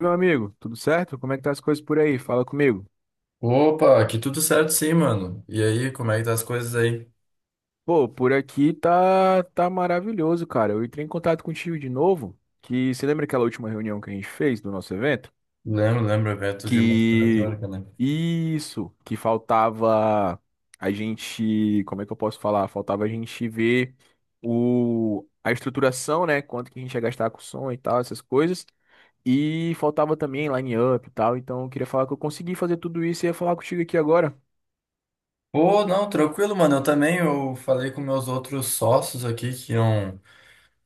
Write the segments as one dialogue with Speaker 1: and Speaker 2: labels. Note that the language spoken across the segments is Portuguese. Speaker 1: Meu amigo, tudo certo? Como é que tá as coisas por aí? Fala comigo.
Speaker 2: Opa, aqui tudo certo sim, mano. E aí, como é que tá as coisas aí?
Speaker 1: Pô, por aqui tá maravilhoso, cara. Eu entrei em contato contigo de novo, que você lembra aquela última reunião que a gente fez do nosso evento?
Speaker 2: Lembro, lembro, evento de música
Speaker 1: Que
Speaker 2: retórica, né?
Speaker 1: isso, que faltava a gente, como é que eu posso falar? Faltava a gente ver o a estruturação, né? Quanto que a gente ia gastar com som e tal, essas coisas. E faltava também line-up e tal, então eu queria falar que eu consegui fazer tudo isso e ia falar contigo aqui agora.
Speaker 2: Pô, não, tranquilo, mano. Eu também, eu falei com meus outros sócios aqui que iam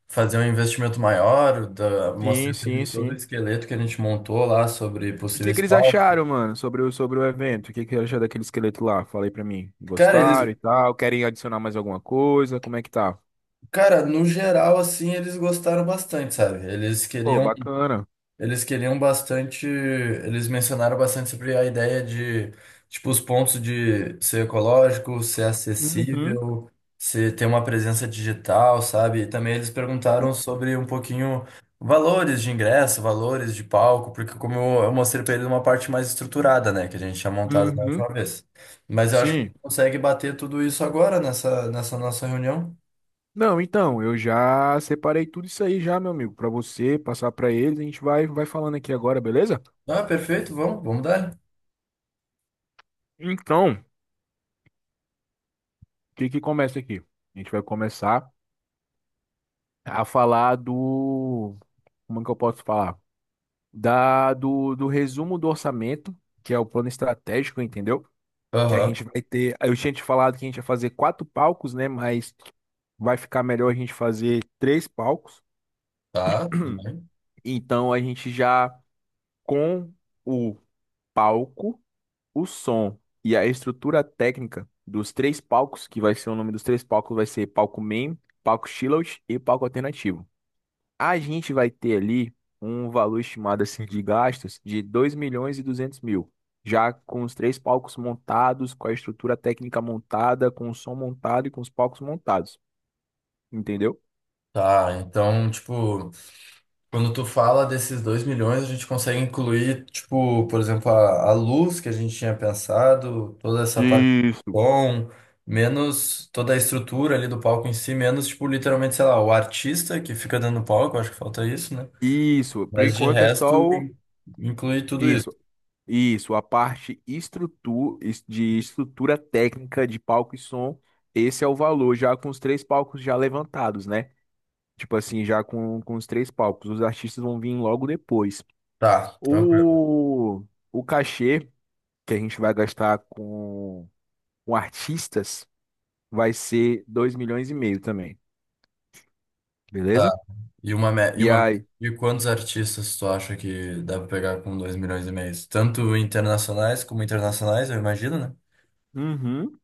Speaker 2: fazer um investimento maior,
Speaker 1: Sim,
Speaker 2: mostrei pra
Speaker 1: sim,
Speaker 2: eles todo o
Speaker 1: sim.
Speaker 2: esqueleto que a gente montou lá sobre
Speaker 1: E o que
Speaker 2: possíveis
Speaker 1: que eles
Speaker 2: palcos.
Speaker 1: acharam, mano, sobre o evento? O que que eles acharam daquele esqueleto lá? Falei aí pra mim.
Speaker 2: Cara,
Speaker 1: Gostaram
Speaker 2: eles,
Speaker 1: e tal? Querem adicionar mais alguma coisa? Como é que tá?
Speaker 2: cara, no geral, assim, eles gostaram bastante, sabe? Eles
Speaker 1: Pô,
Speaker 2: queriam
Speaker 1: bacana.
Speaker 2: Eles queriam bastante, eles mencionaram bastante sobre a ideia de, tipo, os pontos de ser ecológico, ser
Speaker 1: Uhum.
Speaker 2: acessível, ter uma presença digital, sabe? E também eles perguntaram sobre um pouquinho valores de ingresso, valores de palco, porque como eu mostrei para eles uma parte mais estruturada, né, que a gente tinha montado na
Speaker 1: Uhum.
Speaker 2: última vez. Mas eu acho que a
Speaker 1: Sim.
Speaker 2: gente consegue bater tudo isso agora nessa nossa reunião.
Speaker 1: Não, então, eu já separei tudo isso aí já, meu amigo, pra você passar pra eles. A gente vai falando aqui agora, beleza?
Speaker 2: Ah, perfeito, vamos dar.
Speaker 1: Então, o que que começa aqui? A gente vai começar a falar do. Como é que eu posso falar? Do resumo do orçamento, que é o plano estratégico, entendeu? Que a
Speaker 2: Aham,
Speaker 1: gente vai ter. Eu tinha te falado que a gente ia fazer quatro palcos, né? Mas vai ficar melhor a gente fazer três palcos.
Speaker 2: tá, tudo bem.
Speaker 1: Então a gente já com o palco, o som e a estrutura técnica dos três palcos, que vai ser o nome dos três palcos, vai ser palco main, palco chillout e palco alternativo. A gente vai ter ali um valor estimado assim de gastos de 2.200.000, já com os três palcos montados, com a estrutura técnica montada, com o som montado e com os palcos montados, entendeu?
Speaker 2: Tá, então, tipo. Quando tu fala desses 2 milhões, a gente consegue incluir, tipo, por exemplo, a luz que a gente tinha pensado, toda essa parte do
Speaker 1: Isso.
Speaker 2: som, menos toda a estrutura ali do palco em si, menos, tipo, literalmente, sei lá, o artista que fica dentro do palco, acho que falta isso, né?
Speaker 1: Isso, por
Speaker 2: Mas de
Speaker 1: enquanto é só
Speaker 2: resto,
Speaker 1: o.
Speaker 2: inclui tudo isso.
Speaker 1: Isso, isso, a parte de estrutura técnica de palco e som. Esse é o valor, já com os três palcos já levantados, né? Tipo assim, já com os três palcos. Os artistas vão vir logo depois.
Speaker 2: Tá, tranquilo.
Speaker 1: O, o cachê que a gente vai gastar com artistas vai ser 2.500.000 também,
Speaker 2: Tá.
Speaker 1: beleza?
Speaker 2: E uma, me- e
Speaker 1: E
Speaker 2: uma meta
Speaker 1: aí,
Speaker 2: de quantos artistas tu acha que dá pra pegar com 2,5 milhões? Tanto internacionais como internacionais, eu imagino, né?
Speaker 1: uhum.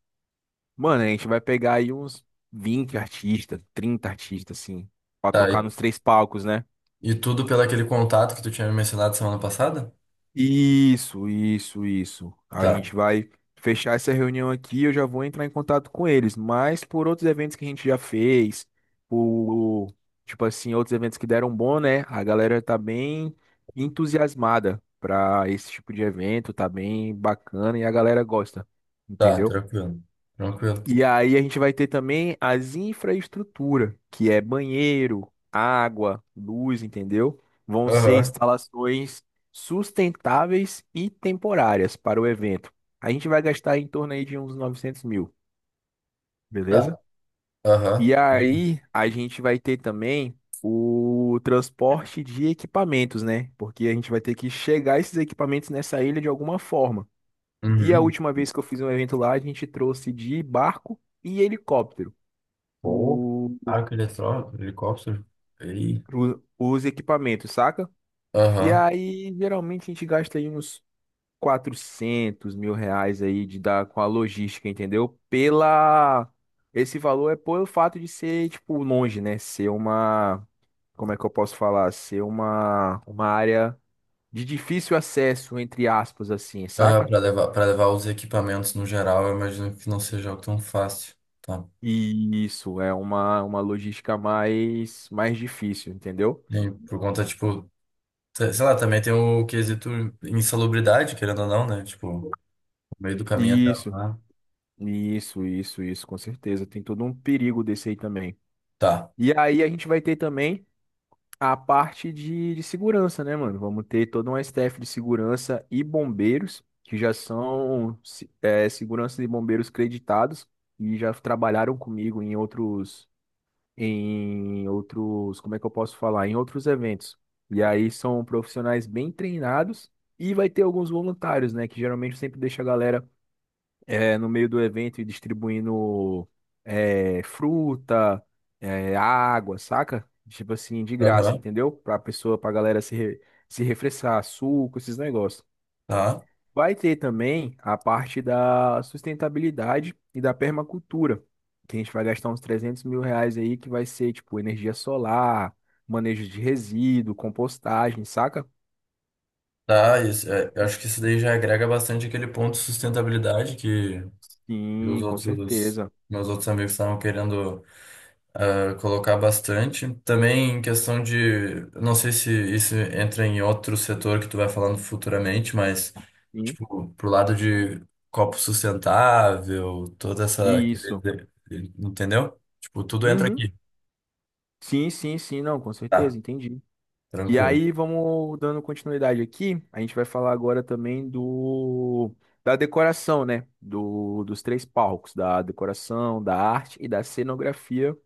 Speaker 1: Mano, a gente vai pegar aí uns 20 artistas, 30 artistas, assim, pra
Speaker 2: Tá,
Speaker 1: tocar nos três palcos, né?
Speaker 2: e tudo pelo aquele contato que tu tinha me mencionado semana passada?
Speaker 1: Isso, isso, isso. A
Speaker 2: Tá,
Speaker 1: gente vai fechar essa reunião aqui, eu já vou entrar em contato com eles, mas por outros eventos que a gente já fez, por, tipo assim, outros eventos que deram bom, né? A galera tá bem entusiasmada pra esse tipo de evento, tá bem bacana e a galera gosta,
Speaker 2: tá,
Speaker 1: entendeu?
Speaker 2: tranquilo. Tranquilo.
Speaker 1: E aí a gente vai ter também as infraestrutura, que é banheiro, água, luz, entendeu? Vão ser
Speaker 2: Aham.
Speaker 1: instalações sustentáveis e temporárias para o evento. A gente vai gastar em torno aí de uns 900.000,
Speaker 2: Tá,
Speaker 1: beleza?
Speaker 2: aham.
Speaker 1: E
Speaker 2: Uhum.
Speaker 1: aí a gente vai ter também o transporte de equipamentos, né? Porque a gente vai ter que chegar esses equipamentos nessa ilha de alguma forma. E a
Speaker 2: Uhum.
Speaker 1: última vez que eu fiz um evento lá, a gente trouxe de barco e helicóptero
Speaker 2: Pô,
Speaker 1: o,
Speaker 2: helicóptero. Ei.
Speaker 1: os equipamentos, saca? E
Speaker 2: Aham.
Speaker 1: aí, geralmente, a gente gasta aí uns 400.000 reais aí de dar com a logística, entendeu? Pela... Esse valor é pelo fato de ser, tipo, longe, né? Ser uma... Como é que eu posso falar? Ser uma área de difícil acesso, entre aspas, assim,
Speaker 2: Aham,
Speaker 1: saca?
Speaker 2: para levar os equipamentos no geral, eu imagino que não seja algo tão fácil. Tá.
Speaker 1: E isso é uma logística mais difícil, entendeu?
Speaker 2: E por conta, tipo, sei lá, também tem o quesito insalubridade, querendo ou não, né? Tipo, no meio do caminho até
Speaker 1: Isso.
Speaker 2: lá.
Speaker 1: Isso, com certeza. Tem todo um perigo desse aí também.
Speaker 2: Tá.
Speaker 1: E aí a gente vai ter também a parte de segurança, né, mano? Vamos ter toda uma staff de segurança e bombeiros, que já são segurança e bombeiros creditados e já trabalharam comigo em outros, como é que eu posso falar? Em outros eventos. E aí são profissionais bem treinados e vai ter alguns voluntários, né? Que geralmente eu sempre deixa a galera no meio do evento e distribuindo fruta, água, saca? Tipo assim, de graça,
Speaker 2: Aham.
Speaker 1: entendeu? Pra galera se se refrescar, suco, esses negócios.
Speaker 2: Tá.
Speaker 1: Vai ter também a parte da sustentabilidade e da permacultura, que a gente vai gastar uns 300.000 reais aí, que vai ser tipo energia solar, manejo de resíduo, compostagem, saca?
Speaker 2: Tá, isso, é, eu acho que isso daí já agrega bastante aquele ponto de sustentabilidade que os
Speaker 1: Sim, com
Speaker 2: outros,
Speaker 1: certeza.
Speaker 2: meus outros amigos estavam querendo colocar bastante. Também em questão de, não sei se isso entra em outro setor que tu vai falando futuramente, mas
Speaker 1: Sim,
Speaker 2: tipo, pro lado de copo sustentável, toda essa,
Speaker 1: isso.
Speaker 2: entendeu? Tipo, tudo entra
Speaker 1: Uhum.
Speaker 2: aqui.
Speaker 1: Sim, sim, sim, não, com
Speaker 2: Tá,
Speaker 1: certeza, entendi. E
Speaker 2: tranquilo.
Speaker 1: aí, vamos dando continuidade aqui. A gente vai falar agora também do da decoração, né? Dos três palcos, da decoração, da arte e da cenografia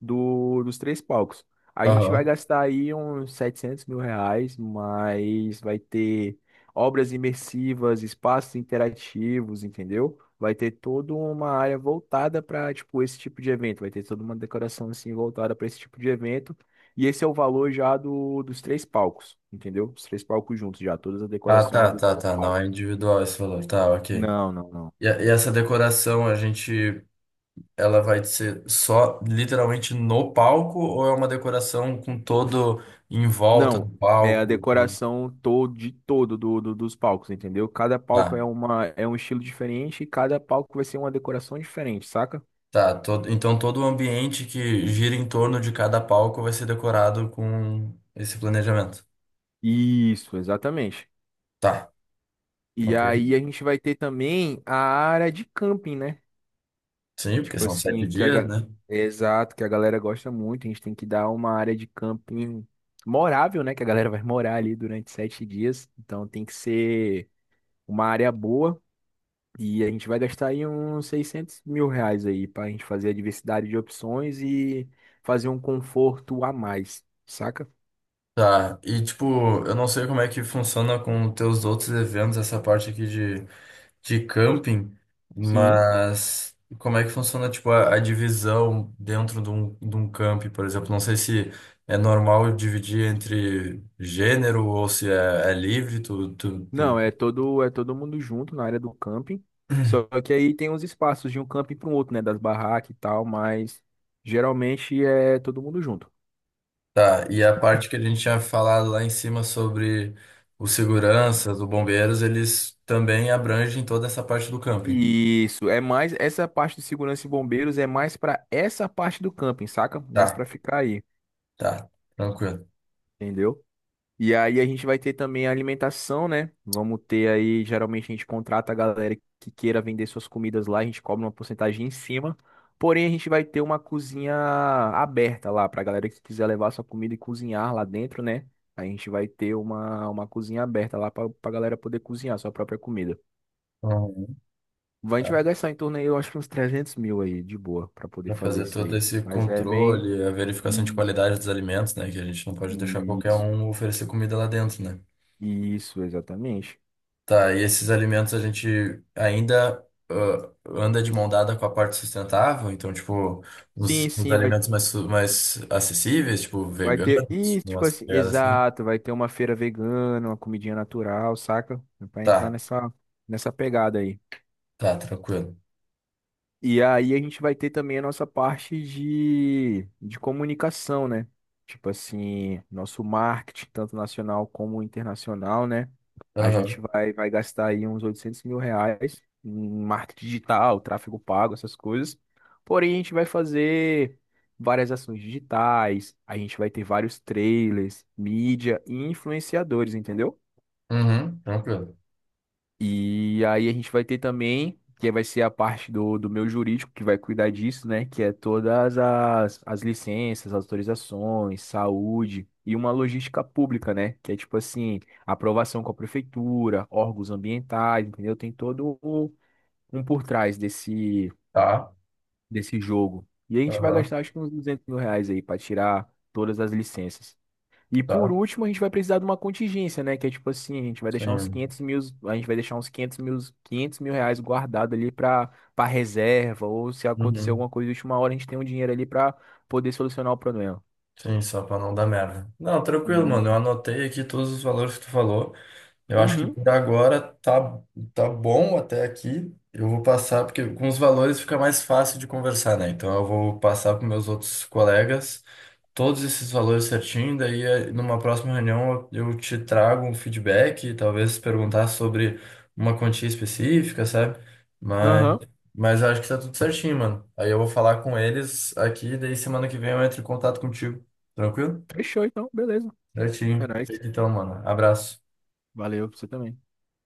Speaker 1: dos três palcos. A gente vai
Speaker 2: Aham.
Speaker 1: gastar aí uns 700.000 reais, mas vai ter obras imersivas, espaços interativos, entendeu? Vai ter toda uma área voltada para, tipo, esse tipo de evento. Vai ter toda uma decoração, assim, voltada para esse tipo de evento. E esse é o valor já dos três palcos, entendeu? Os três palcos juntos já, todas as
Speaker 2: Ah,
Speaker 1: decorações
Speaker 2: tá,
Speaker 1: dos
Speaker 2: tá,
Speaker 1: três
Speaker 2: tá, não é
Speaker 1: palcos.
Speaker 2: individual esse valor, tá, ok.
Speaker 1: Não, não, não.
Speaker 2: E essa decoração, ela vai ser só literalmente no palco ou é uma decoração com todo em volta do
Speaker 1: Não, é a
Speaker 2: palco?
Speaker 1: decoração todo de todo dos palcos, entendeu? Cada palco
Speaker 2: Ah,
Speaker 1: é uma é um estilo diferente e cada palco vai ser uma decoração diferente, saca?
Speaker 2: tá. Todo o ambiente que gira em torno de cada palco vai ser decorado com esse planejamento.
Speaker 1: Isso, exatamente.
Speaker 2: Tá,
Speaker 1: E
Speaker 2: ok.
Speaker 1: aí a gente vai ter também a área de camping, né?
Speaker 2: Sim, porque
Speaker 1: Tipo
Speaker 2: são sete
Speaker 1: assim,
Speaker 2: dias, né?
Speaker 1: exato, que a galera gosta muito, a gente tem que dar uma área de camping morável, né, que a galera vai morar ali durante 7 dias, então tem que ser uma área boa. E a gente vai gastar aí uns 600.000 reais aí para a gente fazer a diversidade de opções e fazer um conforto a mais, saca?
Speaker 2: Tá, e tipo, eu não sei como é que funciona com os teus outros eventos, essa parte aqui de camping,
Speaker 1: Sim.
Speaker 2: mas como é que funciona, tipo, a divisão dentro de um camping, por exemplo? Não sei se é normal dividir entre gênero ou se é livre, tu, tu,
Speaker 1: Não,
Speaker 2: tu-
Speaker 1: é todo mundo junto na área do camping. Só que aí tem uns espaços de um camping para o outro, né? Das barracas e tal, mas geralmente é todo mundo junto.
Speaker 2: Tá, e a parte que a gente tinha falado lá em cima sobre os seguranças, os bombeiros, eles também abrangem toda essa parte do camping.
Speaker 1: Isso, é mais essa parte de segurança e bombeiros é mais para essa parte do camping, saca? Mais
Speaker 2: Tá,
Speaker 1: para ficar aí,
Speaker 2: tá, tranquilo.
Speaker 1: entendeu? E aí a gente vai ter também a alimentação, né? Vamos ter aí, geralmente a gente contrata a galera que queira vender suas comidas lá, a gente cobra uma porcentagem em cima. Porém, a gente vai ter uma cozinha aberta lá para a galera que quiser levar sua comida e cozinhar lá dentro, né? A gente vai ter uma cozinha aberta lá para a galera poder cozinhar sua própria comida. A gente vai gastar em torno aí, eu acho que uns 300.000 aí, de boa, para poder
Speaker 2: Para
Speaker 1: fazer
Speaker 2: fazer
Speaker 1: isso
Speaker 2: todo
Speaker 1: aí.
Speaker 2: esse
Speaker 1: Mas é bem...
Speaker 2: controle, a verificação de
Speaker 1: Isso,
Speaker 2: qualidade dos alimentos, né? Que a gente não pode deixar qualquer
Speaker 1: isso,
Speaker 2: um oferecer comida lá dentro, né?
Speaker 1: isso, exatamente.
Speaker 2: Tá, e esses alimentos a gente ainda anda de mão dada com a parte sustentável, então, tipo, os,
Speaker 1: Sim,
Speaker 2: os
Speaker 1: sim, vai
Speaker 2: alimentos mais acessíveis, tipo,
Speaker 1: Vai
Speaker 2: veganos,
Speaker 1: ter. E,
Speaker 2: tipo,
Speaker 1: tipo
Speaker 2: umas
Speaker 1: assim,
Speaker 2: pegadas assim.
Speaker 1: exato, vai ter uma feira vegana, uma comidinha natural, saca? Pra entrar
Speaker 2: Tá,
Speaker 1: nessa pegada aí.
Speaker 2: tá, tranquilo.
Speaker 1: E aí a gente vai ter também a nossa parte de comunicação, né? Tipo assim, nosso marketing, tanto nacional como internacional, né? A gente
Speaker 2: Aham.
Speaker 1: vai gastar aí uns 800.000 reais em marketing digital, tráfego pago, essas coisas. Porém, a gente vai fazer várias ações digitais, a gente vai ter vários trailers, mídia e influenciadores, entendeu?
Speaker 2: Uhum, tranquilo.
Speaker 1: E aí a gente vai ter também, que vai ser a parte do meu jurídico, que vai cuidar disso, né? Que é todas as licenças, autorizações, saúde e uma logística pública, né? Que é tipo assim, aprovação com a prefeitura, órgãos ambientais, entendeu? Tem todo um por trás
Speaker 2: Tá,
Speaker 1: desse jogo. E a gente vai
Speaker 2: aham,
Speaker 1: gastar acho que uns 200.000 reais aí para tirar todas as licenças. E por
Speaker 2: tá,
Speaker 1: último, a gente vai precisar de uma contingência, né? Que é tipo assim, a gente vai deixar uns
Speaker 2: sim.
Speaker 1: 500.000, a gente vai deixar uns 500 mil, 500.000 reais guardado ali para reserva, ou se acontecer
Speaker 2: Uhum.
Speaker 1: alguma coisa de última hora, a gente tem um dinheiro ali para poder solucionar o problema.
Speaker 2: Sim, só pra não dar merda. Não, tranquilo, mano. Eu
Speaker 1: E...
Speaker 2: anotei aqui todos os valores que tu falou. Eu acho que
Speaker 1: Uhum,
Speaker 2: por agora tá bom até aqui. Eu vou passar, porque com os valores fica mais fácil de conversar, né? Então eu vou passar para meus outros colegas todos esses valores certinho. Daí numa próxima reunião eu te trago um feedback, talvez perguntar sobre uma quantia específica, sabe? Mas,
Speaker 1: aham.
Speaker 2: mas eu acho que tá tudo certinho, mano. Aí eu vou falar com eles aqui, daí semana que vem eu entro em contato contigo. Tranquilo?
Speaker 1: Fechou então, beleza. É
Speaker 2: Certinho.
Speaker 1: nóis.
Speaker 2: Feito. Então, mano, abraço.
Speaker 1: Valeu, você também.